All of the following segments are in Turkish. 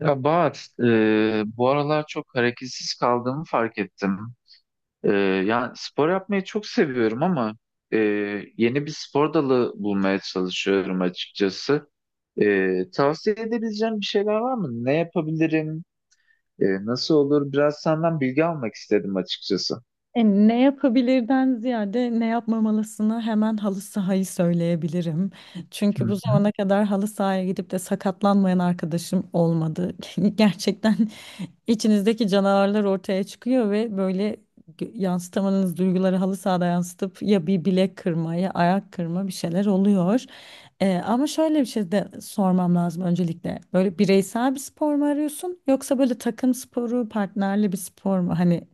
Ya Bahar, bu aralar çok hareketsiz kaldığımı fark ettim. E, Yani spor yapmayı çok seviyorum ama e, yeni bir spor dalı bulmaya çalışıyorum açıkçası. Tavsiye edebileceğim bir şeyler var mı? Ne yapabilirim? Nasıl olur? Biraz senden bilgi almak istedim açıkçası. Ne yapabilirden ziyade ne yapmamalısını hemen halı sahayı söyleyebilirim. Hı Çünkü bu hı. zamana kadar halı sahaya gidip de sakatlanmayan arkadaşım olmadı. Gerçekten içinizdeki canavarlar ortaya çıkıyor ve böyle yansıtamadığınız duyguları halı sahada yansıtıp ya bir bilek kırma ya ayak kırma bir şeyler oluyor. Ama şöyle bir şey de sormam lazım öncelikle. Böyle bireysel bir spor mu arıyorsun yoksa böyle takım sporu, partnerli bir spor mu? Hani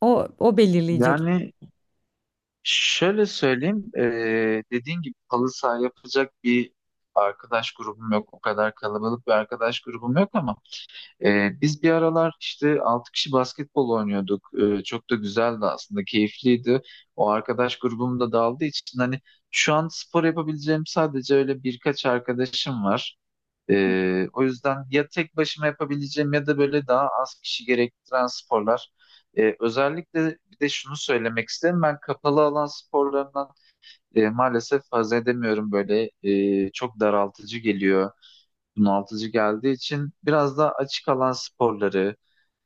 o belirleyecek. Yani şöyle söyleyeyim, dediğin gibi halı saha yapacak bir arkadaş grubum yok. O kadar kalabalık bir arkadaş grubum yok ama biz bir aralar işte 6 kişi basketbol oynuyorduk. Çok da güzeldi aslında, keyifliydi. O arkadaş grubum da dağıldığı için hani şu an spor yapabileceğim sadece öyle birkaç arkadaşım var. O yüzden ya tek başıma yapabileceğim ya da böyle daha az kişi gerektiren sporlar. Özellikle bir de şunu söylemek isterim. Ben kapalı alan sporlarından maalesef haz edemiyorum. Böyle çok daraltıcı geliyor, bunaltıcı geldiği için biraz daha açık alan sporları,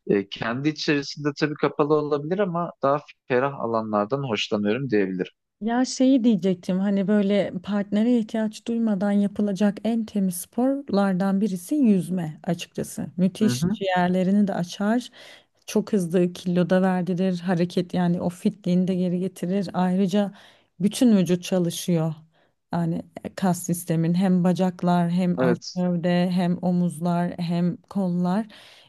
kendi içerisinde tabii kapalı olabilir ama daha ferah alanlardan hoşlanıyorum diyebilirim. Ya şeyi diyecektim, hani böyle partnere ihtiyaç duymadan yapılacak en temiz sporlardan birisi yüzme açıkçası. Hı Müthiş hı. ciğerlerini de açar. Çok hızlı kilo da verdirir. Hareket, yani o fitliğini de geri getirir. Ayrıca bütün vücut çalışıyor. Yani kas sistemin, hem bacaklar hem alt Evet. gövde hem omuzlar hem kollar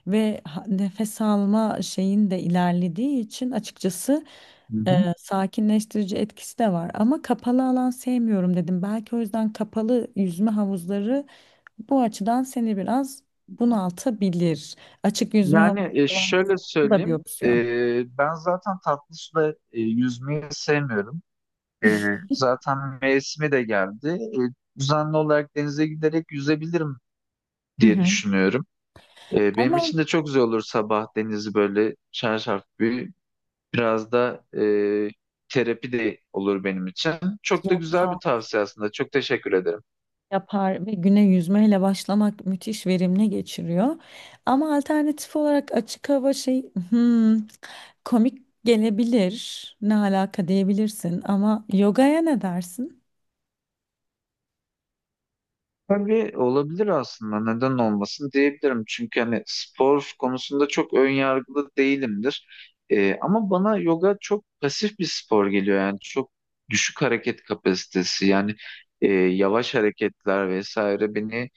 ve nefes alma şeyin de ilerlediği için açıkçası Hı hı. sakinleştirici etkisi de var, ama kapalı alan sevmiyorum dedim. Belki o yüzden kapalı yüzme havuzları bu açıdan seni biraz bunaltabilir. Açık yüzme Yani havuzları var şöyle mesela. Bu da bir söyleyeyim, opsiyon. Ben zaten tatlı suda yüzmeyi sevmiyorum. E, Zaten mevsimi de geldi. Düzenli olarak denize giderek yüzebilirim Hı diye hı. düşünüyorum. Benim Ama için de çok güzel olur sabah denizi böyle şarşaf bir... Biraz da terapi de olur benim için. Çok da güzel bir kamp tavsiye aslında. Çok teşekkür ederim. yapar ve güne yüzmeyle başlamak müthiş verimli geçiriyor. Ama alternatif olarak açık hava şey, hmm, komik gelebilir. Ne alaka diyebilirsin ama yogaya ne dersin? Tabii olabilir aslında. Neden olmasın diyebilirim. Çünkü hani spor konusunda çok ön yargılı değilimdir. Ama bana yoga çok pasif bir spor geliyor. Yani çok düşük hareket kapasitesi. Yani yavaş hareketler vesaire beni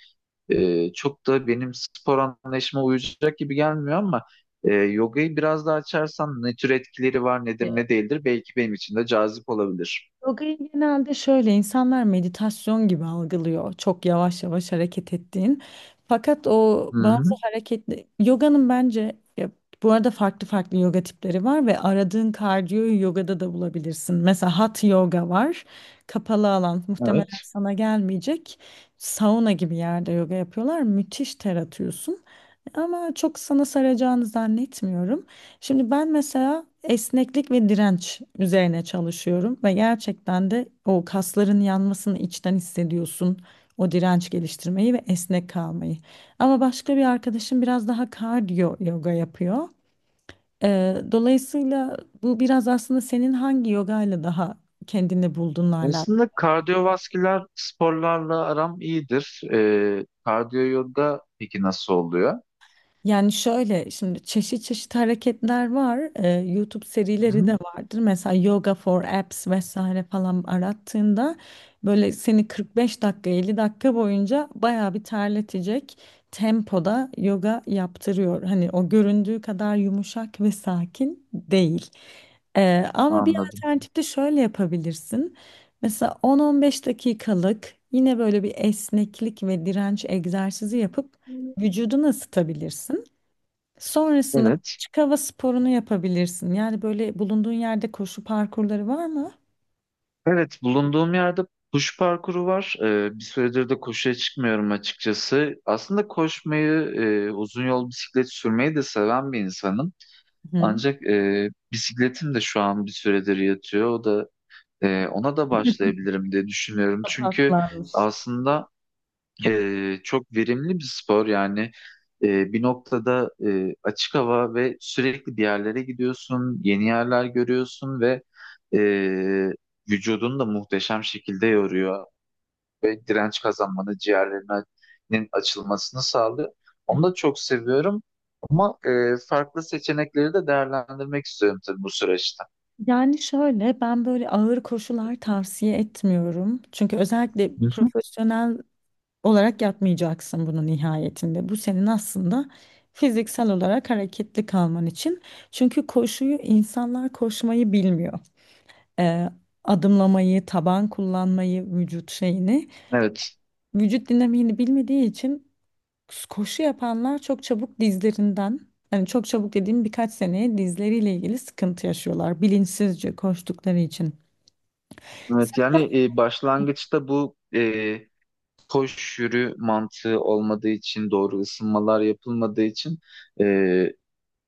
çok da benim spor anlayışıma uyacak gibi gelmiyor, ama yogayı biraz daha açarsan ne tür etkileri var, nedir ne değildir, belki benim için de cazip olabilir. Yoga'yı genelde şöyle insanlar meditasyon gibi algılıyor. Çok yavaş yavaş hareket ettiğin. Fakat o Hı bazı hı, hareketli yoganın bence ya, bu arada farklı yoga tipleri var ve aradığın kardiyoyu yogada da bulabilirsin. Mesela hot yoga var. Kapalı alan muhtemelen evet. sana gelmeyecek. Sauna gibi yerde yoga yapıyorlar. Müthiş ter atıyorsun. Ama çok sana saracağını zannetmiyorum. Şimdi ben mesela esneklik ve direnç üzerine çalışıyorum ve gerçekten de o kasların yanmasını içten hissediyorsun. O direnç geliştirmeyi ve esnek kalmayı. Ama başka bir arkadaşım biraz daha kardiyo yoga yapıyor. Dolayısıyla bu biraz aslında senin hangi yogayla daha kendini bulduğunla alakalı. Aslında kardiyovasküler sporlarla aram iyidir. Kardiyo yoga peki nasıl oluyor? Yani şöyle, şimdi çeşit hareketler var. YouTube Hı serileri hı, de vardır. Mesela Yoga for Apps vesaire falan arattığında böyle seni 45 dakika 50 dakika boyunca bayağı bir terletecek tempoda yoga yaptırıyor. Hani o göründüğü kadar yumuşak ve sakin değil. Ama bir anladım. alternatif de şöyle yapabilirsin. Mesela 10-15 dakikalık yine böyle bir esneklik ve direnç egzersizi yapıp vücudunu ısıtabilirsin. Sonrasında da Evet. açık hava sporunu yapabilirsin. Yani böyle bulunduğun yerde koşu parkurları var mı? Evet, bulunduğum yerde koşu parkuru var. Bir süredir de koşuya çıkmıyorum açıkçası. Aslında koşmayı, uzun yol bisiklet sürmeyi de seven bir insanım. Hı. Ancak bisikletim de şu an bir süredir yatıyor. O da ona da başlayabilirim diye düşünüyorum. Çünkü Saklanmış. aslında çok verimli bir spor. Yani bir noktada açık hava ve sürekli bir yerlere gidiyorsun, yeni yerler görüyorsun ve e, vücudunu da muhteşem şekilde yoruyor ve direnç kazanmanı, ciğerlerinin açılmasını sağlıyor. Onu da çok seviyorum, ama farklı seçenekleri de değerlendirmek istiyorum tabii bu süreçte. Yani şöyle, ben böyle ağır koşular tavsiye etmiyorum. Çünkü özellikle Hı hı. profesyonel olarak yapmayacaksın bunu nihayetinde. Bu senin aslında fiziksel olarak hareketli kalman için. Çünkü koşuyu insanlar, koşmayı bilmiyor. Ee, Adımlamayı, taban kullanmayı, vücut şeyini, Evet, vücut dinamiğini bilmediği için koşu yapanlar çok çabuk dizlerinden, hani çok çabuk dediğim birkaç seneye dizleriyle ilgili sıkıntı yaşıyorlar bilinçsizce koştukları için. evet yani başlangıçta bu koş yürü mantığı olmadığı için, doğru ısınmalar yapılmadığı için, e,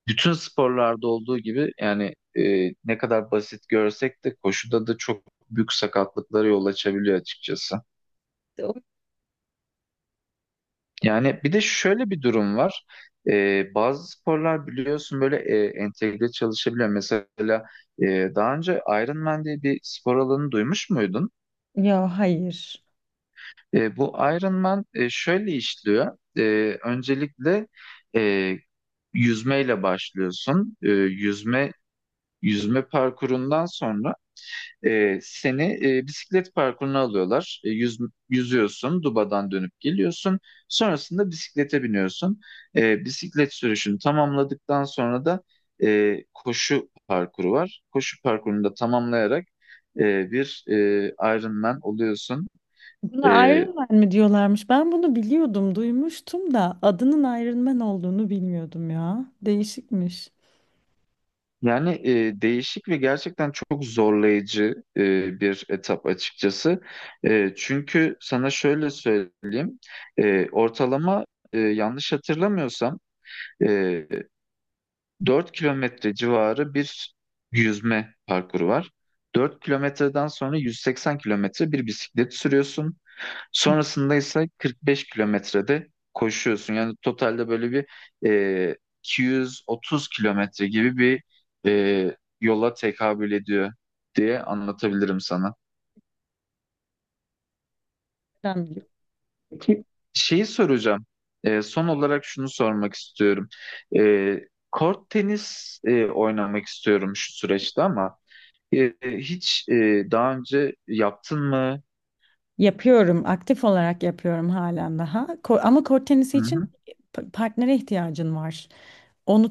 bütün sporlarda olduğu gibi, yani ne kadar basit görsek de koşuda da çok büyük sakatlıklara yol açabiliyor açıkçası. Yani bir de şöyle bir durum var. Bazı sporlar biliyorsun böyle entegre çalışabiliyor. Mesela daha önce Ironman diye bir spor alanı duymuş muydun? Ya hayır. Bu Iron Man şöyle işliyor. Öncelikle e, yüzmeyle başlıyorsun. Yüzme parkurundan sonra seni bisiklet parkuruna alıyorlar. Yüzüyorsun, dubadan dönüp geliyorsun. Sonrasında bisiklete biniyorsun. Bisiklet sürüşünü tamamladıktan sonra da koşu parkuru var. Koşu parkurunu da tamamlayarak bir Iron Man oluyorsun. Buna Iron Man mi diyorlarmış? Ben bunu biliyordum, duymuştum da adının Iron Man olduğunu bilmiyordum ya. Değişikmiş. Yani değişik ve gerçekten çok zorlayıcı bir etap açıkçası. Çünkü sana şöyle söyleyeyim, ortalama yanlış hatırlamıyorsam, e, 4 kilometre civarı bir yüzme parkuru var. 4 kilometreden sonra 180 kilometre bir bisiklet sürüyorsun. Sonrasında ise 45 kilometrede koşuyorsun. Yani totalde böyle bir e, 230 kilometre gibi bir yola tekabül ediyor diye anlatabilirim sana. Ben Peki şeyi soracağım. Son olarak şunu sormak istiyorum. E, Kort tenis oynamak istiyorum şu süreçte, ama hiç daha önce yaptın mı? yapıyorum, aktif olarak yapıyorum halen daha. Ama kort tenisi Hı için hı, partnere ihtiyacın var. Onu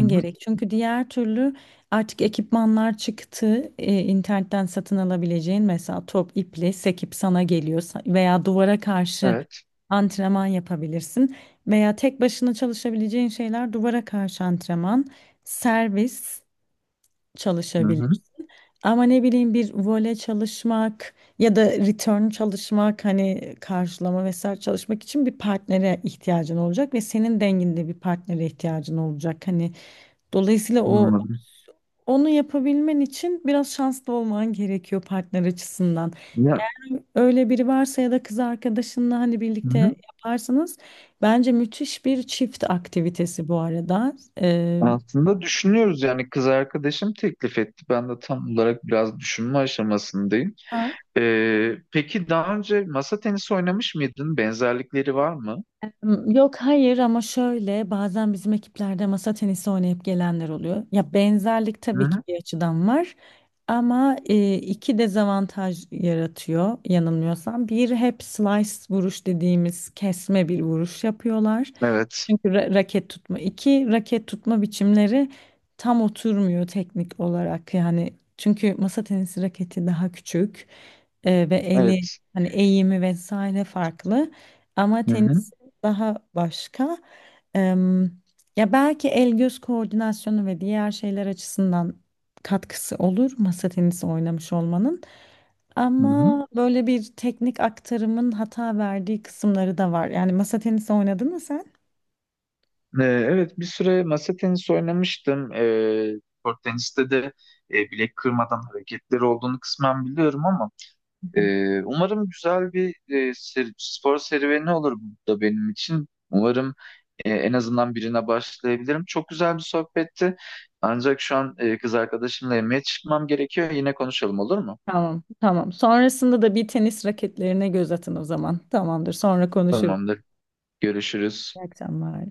hı hı. gerek. Çünkü diğer türlü artık ekipmanlar çıktı. İnternetten satın alabileceğin mesela top, iple sekip sana geliyor, veya duvara karşı Evet. antrenman yapabilirsin, veya tek başına çalışabileceğin şeyler, duvara karşı antrenman, servis Hı hı, çalışabilirsin. Ama ne bileyim, bir vole çalışmak ya da return çalışmak, hani karşılama vesaire çalışmak için bir partnere ihtiyacın olacak ve senin denginde bir partnere ihtiyacın olacak. Hani dolayısıyla o anladım. onu yapabilmen için biraz şanslı olman gerekiyor partner açısından. Ya, Öyle biri varsa ya da kız arkadaşınla hani hı birlikte hı. yaparsanız bence müthiş bir çift aktivitesi bu arada. Aslında düşünüyoruz yani kız arkadaşım teklif etti. Ben de tam olarak biraz düşünme aşamasındayım. Peki daha önce masa tenisi oynamış mıydın? Benzerlikleri var mı? Yok, hayır, ama şöyle bazen bizim ekiplerde masa tenisi oynayıp gelenler oluyor. Ya benzerlik Hı tabii ki hı. bir açıdan var ama iki dezavantaj yaratıyor yanılmıyorsam. Bir, hep slice vuruş dediğimiz kesme bir vuruş yapıyorlar. Evet. Çünkü raket tutma, iki raket tutma biçimleri tam oturmuyor teknik olarak. Yani çünkü masa tenisi raketi daha küçük ve eli, Evet. hani eğimi vesaire farklı. Ama Hı hı. tenis daha başka. Em, Ya belki el göz koordinasyonu ve diğer şeyler açısından katkısı olur masa tenisi oynamış olmanın. Hı hı. Ama böyle bir teknik aktarımın hata verdiği kısımları da var. Yani masa tenisi oynadın mı sen? Evet, bir süre masa tenisi oynamıştım. Kort teniste de bilek kırmadan hareketleri olduğunu kısmen biliyorum, ama Hı hı. Umarım güzel bir spor serüveni olur bu da benim için. Umarım en azından birine başlayabilirim. Çok güzel bir sohbetti. Ancak şu an kız arkadaşımla yemeğe çıkmam gerekiyor. Yine konuşalım olur mu? Tamam, tamam. Sonrasında da bir tenis raketlerine göz atın o zaman. Tamamdır. Sonra konuşuruz. Tamamdır. Görüşürüz. İyi akşamlar.